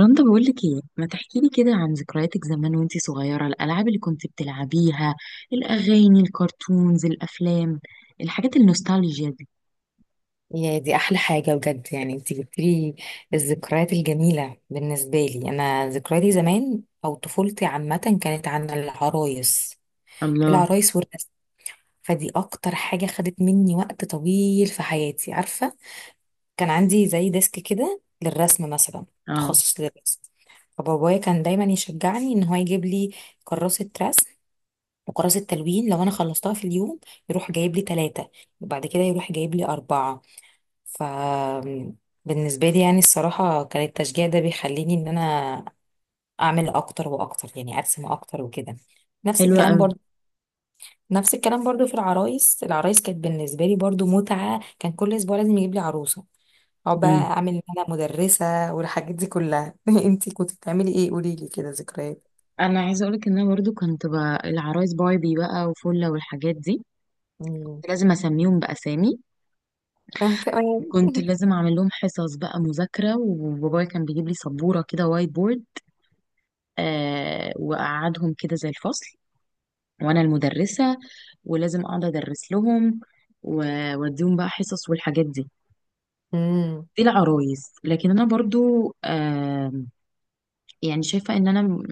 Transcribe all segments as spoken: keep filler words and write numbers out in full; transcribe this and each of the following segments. رندا، بقولك ايه ما تحكيلي كده عن ذكرياتك زمان وانتي صغيرة، الألعاب اللي كنت بتلعبيها، الأغاني، الكرتونز، الأفلام، الحاجات النوستالجيا دي. يا دي احلى حاجه بجد، يعني انت جبتلي الذكريات الجميله. بالنسبه لي انا، ذكرياتي زمان او طفولتي عامه كانت عن العرايس. الله. العرايس والرسم، فدي اكتر حاجه خدت مني وقت طويل في حياتي، عارفه. كان عندي زي ديسك كده للرسم مثلا، اه تخصص للرسم. فبابايا كان دايما يشجعني ان هو يجيب لي كراسه رسم وكراسه تلوين. لو انا خلصتها في اليوم يروح جايب لي ثلاثه، وبعد كده يروح جايب لي اربعه. ف بالنسبة لي يعني الصراحة كان التشجيع ده بيخليني ان انا اعمل اكتر واكتر، يعني ارسم اكتر وكده. نفس حلوة الكلام قوي. برضو نفس الكلام برضو في العرايس. العرايس كانت بالنسبة لي برضو متعة، كان كل اسبوع لازم يجيب لي عروسة، او بقى مم. اعمل ان انا مدرسة والحاجات دي كلها. انتي كنت بتعملي ايه؟ قولي لي كده ذكريات. انا عايزة اقولك ان انا برضو كنت بقى العرايس باربي بقى وفلة والحاجات دي. امم. كنت لازم اسميهم بأسامي، انا كمان. كنت لازم اعمل لهم حصص بقى مذاكرة، وبابايا كان بيجيب لي سبورة كده وايت بورد. آه، وأقعدهم كده زي الفصل وانا المدرسة، ولازم اقعد ادرس لهم و- واديهم بقى حصص والحاجات دي. امم. دي العرايس، لكن انا برضو آه، يعني شايفه ان انا م-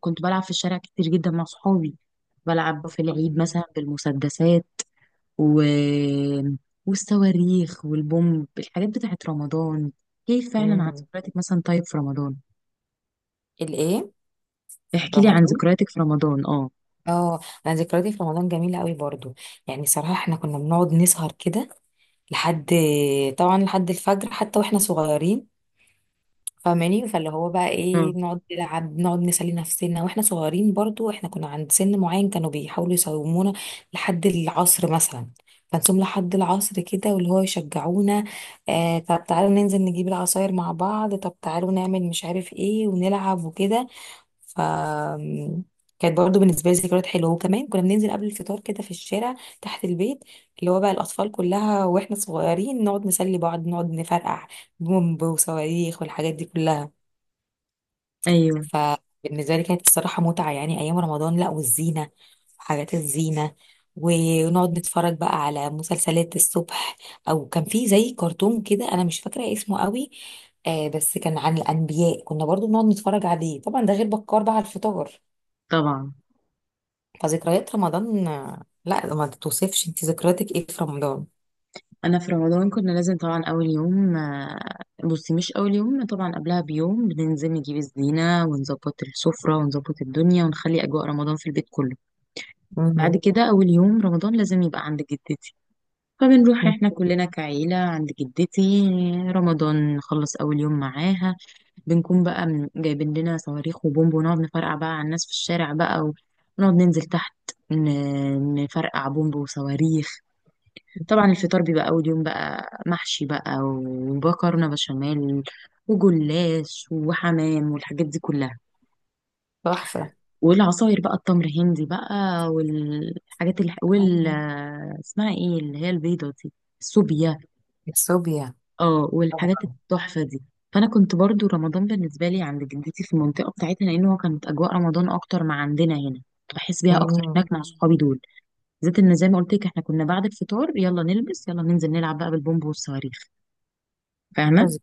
كنت بلعب في الشارع كتير جدا مع صحابي، بلعب في العيد اوكي. مثلا بالمسدسات و... والصواريخ والبومب، الحاجات بتاعت رمضان. كيف فعلا عن امم. ذكرياتك مثلا، طيب في رمضان؟ الايه؟ احكي لي عن رمضان؟ ذكرياتك في رمضان. اه اه. انا ذكرياتي في رمضان جميله قوي برضو. يعني صراحه احنا كنا بنقعد نسهر كده لحد، طبعا لحد الفجر، حتى واحنا صغيرين. فاهماني؟ فاللي هو بقى اه ايه، بنقعد نلعب، بنقعد نسلي نفسنا واحنا صغيرين. برضو احنا كنا عند سن معين كانوا بيحاولوا يصومونا لحد العصر مثلا، فنصوم لحد العصر كده، واللي هو يشجعونا. آه طب تعالوا ننزل نجيب العصاير مع بعض، طب تعالوا نعمل مش عارف ايه ونلعب وكده. ف كانت برضه بالنسبه لي ذكريات حلوه. وكمان كنا بننزل قبل الفطار كده في الشارع، تحت البيت، اللي هو بقى الاطفال كلها واحنا صغيرين، نقعد نسلي بعض، نقعد نفرقع بومب وصواريخ والحاجات دي كلها. ايوه، فبالنسبه لي كانت الصراحه متعه، يعني ايام رمضان، لا والزينه، حاجات الزينه، ونقعد نتفرج بقى على مسلسلات الصبح. او كان في زي كرتون كده انا مش فاكره اسمه قوي، آه، بس كان عن الانبياء، كنا برضو بنقعد نتفرج عليه. طبعا ده غير بكار بقى على الفطار. طبعا فذكريات رمضان آه، لا. ما توصفش انت ذكرياتك ايه في رمضان؟ انا في رمضان كنا لازم طبعا اول يوم آه، بصي مش اول يوم، طبعا قبلها بيوم بننزل نجيب الزينه ونظبط السفره ونظبط الدنيا ونخلي اجواء رمضان في البيت كله. مم. بعد كده اول يوم رمضان لازم يبقى عند جدتي، فبنروح مم. احنا كلنا كعيله عند جدتي. رمضان نخلص اول يوم معاها، بنكون بقى من- جايبين لنا صواريخ وبومب ونقعد نفرقع بقى على الناس في الشارع بقى، ونقعد ننزل تحت ن- نفرقع بومب وصواريخ. طبعا الفطار بيبقى أول يوم بقى محشي بقى ومكرونة بشاميل وجلاش وحمام والحاجات دي كلها. تحفة. والعصاير بقى التمر هندي بقى والحاجات اللي، وال، أيوة. اسمها ايه اللي هي البيضة دي، السوبيا. الصوبيا. اه، والحاجات طبعا. التحفة دي. فأنا كنت برضو رمضان بالنسبة لي عند جدتي في المنطقة بتاعتنا، لأنه كانت أجواء رمضان أكتر ما عندنا هنا، كنت بحس بيها أكتر مم. هناك مع صحابي دول بالذات. إن زي ما قلت لك، إحنا كنا بعد الفطار يلا نلبس يلا ننزل نلعب بقى بالبومب والصواريخ. فاهمة؟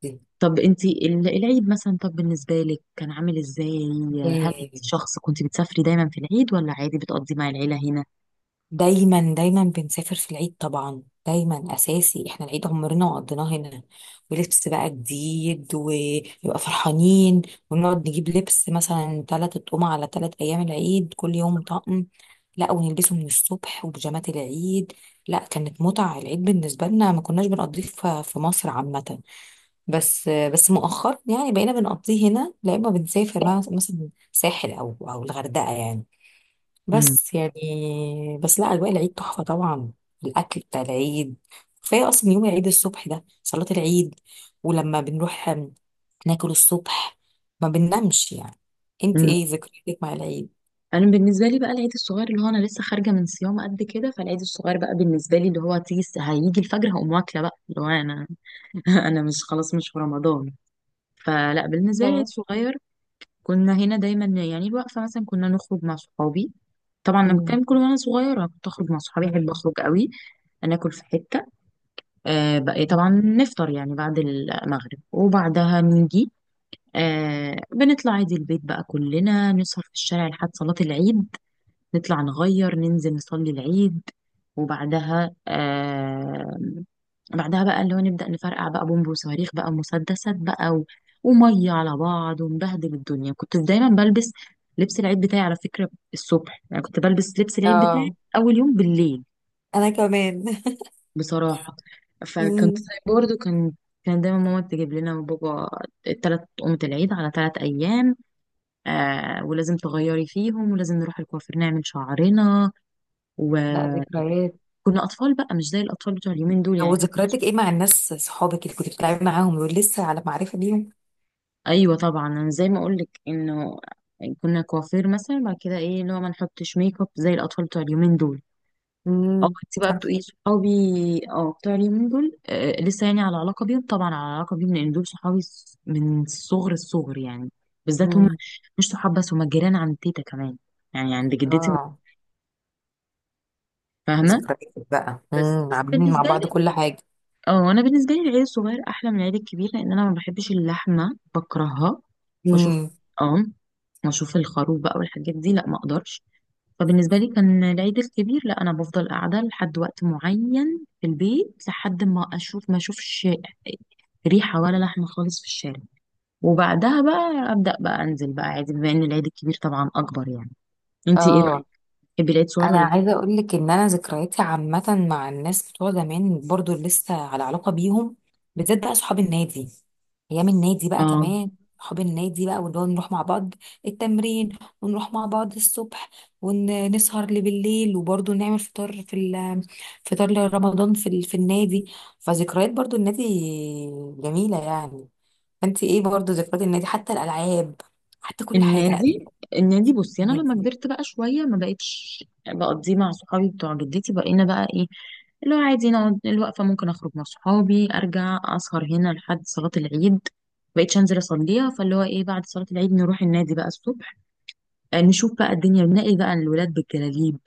دي. طب انتي ال- العيد مثلا طب بالنسبة لك كان عامل ازاي؟ هل انت ياه. شخص كنت بتسافري دايما في العيد، ولا عادي بتقضي مع العيلة هنا؟ دايما دايما بنسافر في العيد، طبعا دايما اساسي، احنا العيد عمرنا ما قضيناه هنا، ولبس بقى جديد ويبقى فرحانين. ونقعد نجيب لبس مثلا تلات اطقم على تلات ايام العيد، كل يوم طقم. لا ونلبسه من الصبح، وبيجامات العيد. لا كانت متعة العيد بالنسبة لنا. ما كناش بنقضيه في في مصر عامة، بس بس مؤخرا يعني بقينا بنقضيه هنا. لا اما بنسافر مثلا ساحل او او الغردقة يعني، امم بس يعني، بس لا اجواء العيد تحفه طبعا. الاكل بتاع العيد كفايه. اصلا يوم العيد الصبح ده صلاه العيد، ولما بنروح ناكل الصبح ما بننامش يعني. انت امم ايه ذكرياتك مع العيد؟ انا بالنسبة لي بقى العيد الصغير، اللي هو انا لسه خارجة من صيام قد كده، فالعيد الصغير بقى بالنسبة لي اللي هو تيجي الس- هيجي الفجر هقوم واكلة بقى اللي هو انا انا مش، خلاص مش في رمضان. فلا بالنسبة لي العيد اه. الصغير كنا هنا دايما، يعني الوقفة مثلا كنا نخرج مع صحابي، طبعا لما مم. كان كل، وانا صغيرة كنت اخرج مع صحابي، احب مم. اخرج قوي. ناكل في حتة، آه، بقى إيه، طبعا مم. نفطر يعني بعد المغرب، وبعدها نيجي. آه، بنطلع عادي البيت بقى كلنا نسهر في الشارع لحد صلاة العيد، نطلع نغير ننزل نصلي العيد. وبعدها آه، بعدها بقى اللي هو نبدأ نفرقع بقى بومب وصواريخ بقى ومسدسات بقى و... ومية على بعض، ونبهدل الدنيا. كنت دايما بلبس لبس العيد بتاعي على فكرة الصبح، يعني كنت بلبس لبس العيد بتاعي اه أول يوم بالليل انا كمان. بصراحة. فكنت، مم. برضه كان، كان دايما ماما تجيب لنا وبابا تلات قومة العيد على تلات أيام، آه، ولازم تغيري فيهم، ولازم نروح الكوافير نعمل شعرنا. لا وكنا ذكريات. أطفال بقى مش زي الأطفال بتوع اليومين دول، يعني او احنا ذكرياتك مكناش. ايه مع الناس صحابك اللي كنت بتلعبي معاهم؟ دول لسه على معرفه بيهم؟ أيوة طبعا، أنا زي ما أقولك إنه كنا كوافير مثلا بعد كده إيه، اللي هو ما نحطش ميك اب زي الأطفال بتوع اليومين دول. اه امم. انت بقى صح. بتقولي صحابي. اه، بتوع اليومين دول آه، لسه يعني على علاقه بيهم؟ طبعا على علاقه بيهم لان دول صحابي س- من صغر الصغر يعني، بالذات هم امم. مش صحاب بس، هم جيران عند تيتا كمان، يعني عند جدتي، اه. فاهمه؟ ذكريات بقى. بس امم بس عاملين مع بالنسبه لي، بعض كل حاجه. اه انا بالنسبه لي العيل الصغير احلى من العيل الكبير، لان انا ما بحبش اللحمه، بكرهها. بشوف، امم. اه، واشوف الخروف بقى والحاجات دي، لا ما اقدرش. فبالنسبة لي كان العيد الكبير لا، أنا بفضل قاعدة لحد وقت معين في البيت لحد ما أشوف ما أشوفش ريحة ولا لحمة خالص في الشارع، وبعدها بقى أبدأ بقى أنزل بقى عادي، بما إن العيد الكبير طبعا أكبر يعني. أنتي إيه اه. رأيك؟ تحبي العيد صغير انا ولا عايزه اقول لك ان انا ذكرياتي عامه مع الناس بتوع زمان برضو اللي لسه على علاقه بيهم، بالذات بقى صحاب النادي. ايام النادي بقى إيه؟ كمان. صحاب النادي بقى، واللي هو نروح مع بعض التمرين، ونروح مع بعض الصبح، ونسهر لبالليل، وبرضو نعمل فطار في ال- فطار لرمضان في ال- في النادي. فذكريات برضو النادي جميله يعني. فانت ايه برضو ذكريات النادي، حتى الالعاب، حتى كل حاجه؟ لا. النادي، النادي بصي انا لما النادي. كبرت بقى شويه ما بقتش بقضيه مع صحابي بتوع جدتي، بقينا بقى ايه، اللي هو عادي نقعد الوقفه، ممكن اخرج مع صحابي ارجع اسهر هنا لحد صلاه العيد، بقيتش انزل اصليها، فاللي هو ايه بعد صلاه العيد نروح النادي بقى الصبح. آه، نشوف بقى الدنيا بنلاقي بقى الولاد بالجلاليب،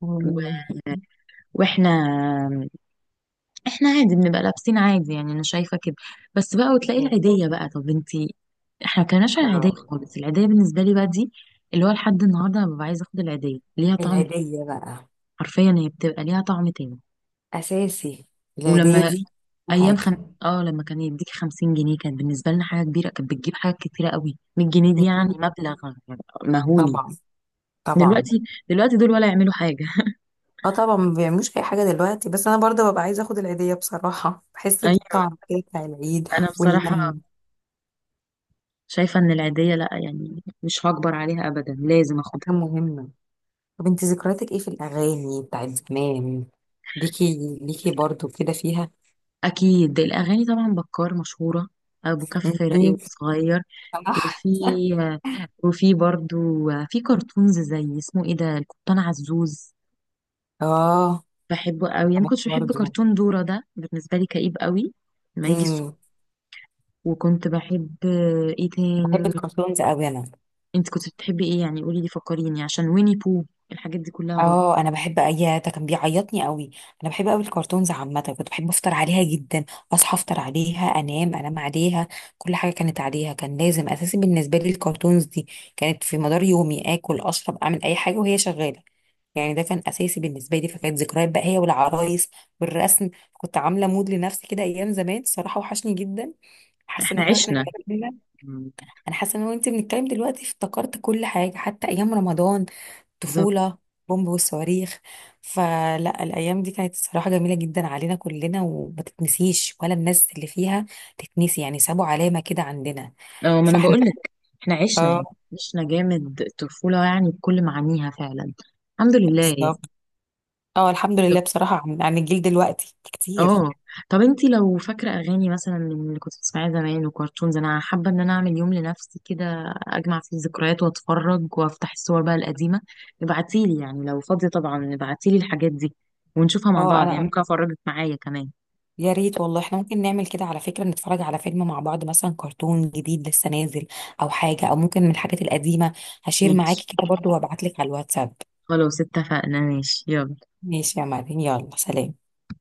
مم. واحنا، احنا عادي بنبقى لابسين عادي يعني، انا شايفه كده بس بقى. وتلاقي مم. العيديه بقى، طب انتي، احنا ما كناش على العيديه اه. خالص، العيديه بالنسبه لي بقى دي اللي هو لحد النهارده انا ببقى عايزه اخد العيديه، ليها طعم تاني، العيدية بقى. حرفيا هي بتبقى ليها طعم تاني. أساسي. العيدية ولما دي. ايام حاجة. خم... اه لما كان يديك خمسين جنيه كانت بالنسبه لنا حاجه كبيره، كانت بتجيب حاجات كتيره قوي. مية جنيه دي يعني مم. مبلغ مهولي. طبعا. طبعا. دلوقتي، دلوقتي دول ولا يعملوا حاجه اه طبعا ما بيعملوش أي حاجة دلوقتي، بس أنا برضه ببقى عايزة أخد العيدية، بصراحة بحس ايوه، بالطعم كده بتاع العيد. انا بصراحه واللم. شايفه ان العيديه لا يعني مش هكبر عليها ابدا، لازم حاجة اخد. مهمة. طب انت ذكرياتك ايه في الأغاني بتاعت زمان؟ ليكي ليكي برضه كده فيها. أكيد الأغاني، طبعا بكار مشهورة، أبو كف راقي مم. وصغير. صح. وفي، وفي برضو، في كرتونز زي اسمه إيه ده، القبطان عزوز، اه. بحبه قوي. يعني ما زمان كنتش بحب برضه. كرتون دورة ده، بالنسبة لي كئيب قوي لما يجي الصبح. مم. وكنت بحب إيه بحب تاني؟ الكرتونز أوي أنا. أنت كنت بتحبي إيه؟ يعني قولي لي فكريني عشان ويني بو، الحاجات دي كلها برضو. اه انا بحب، اي ده كان بيعيطني قوي. انا بحب قوي الكرتونز عامه، كنت بحب افطر عليها جدا، اصحى افطر عليها، انام انام عليها. كل حاجه كانت عليها، كان لازم اساسي بالنسبه لي الكرتونز دي. كانت في مدار يومي، اكل اشرب اعمل اي حاجه وهي شغاله، يعني ده كان اساسي بالنسبه لي. فكانت ذكريات بقى هي والعرايس والرسم. كنت عامله مود لنفسي كده ايام زمان الصراحه، وحشني جدا. حاسه ان إحنا احنا واحنا عشنا. اتكلمنا، مم. انا حاسه ان انا وانت بنتكلم دلوقتي افتكرت كل حاجه، حتى ايام رمضان، بالظبط. طفولة، بومب والصواريخ. فلا الأيام دي كانت الصراحة جميلة جدا علينا كلنا وما تتنسيش، ولا الناس اللي فيها تتنسي، يعني سابوا علامة كده عندنا. أه ما أنا فاحنا، بقول لك، إحنا عشنا اه، يعني، عشنا جامد الطفولة يعني بكل معانيها فعلا. الحمد لله يعني. بالظبط. اه الحمد طب، لله بصراحة عن عن الجيل دلوقتي كتير. اه طب انتي لو فاكرة اغاني مثلا من اللي كنت بتسمعيها زمان وكرتونز، انا حابة ان انا اعمل يوم لنفسي كده اجمع فيه الذكريات واتفرج وافتح الصور بقى القديمة. ابعتيلي يعني لو فاضية، طبعا ابعتيلي الحاجات دي ونشوفها مع اه بعض يعني، خلاص أنا، ممكن افرجك معايا كمان. يا ريت والله، احنا ممكن نعمل كده على فكرة، نتفرج على فيلم مع بعض مثلا، كرتون جديد لسه نازل أو حاجة، أو ممكن من الحاجات القديمة. هشير ماشي، معاكي كده برضو وابعتلك على الواتساب. خلاص اتفقنا، ماشي يلا. ماشي يا مريم، يلا سلام.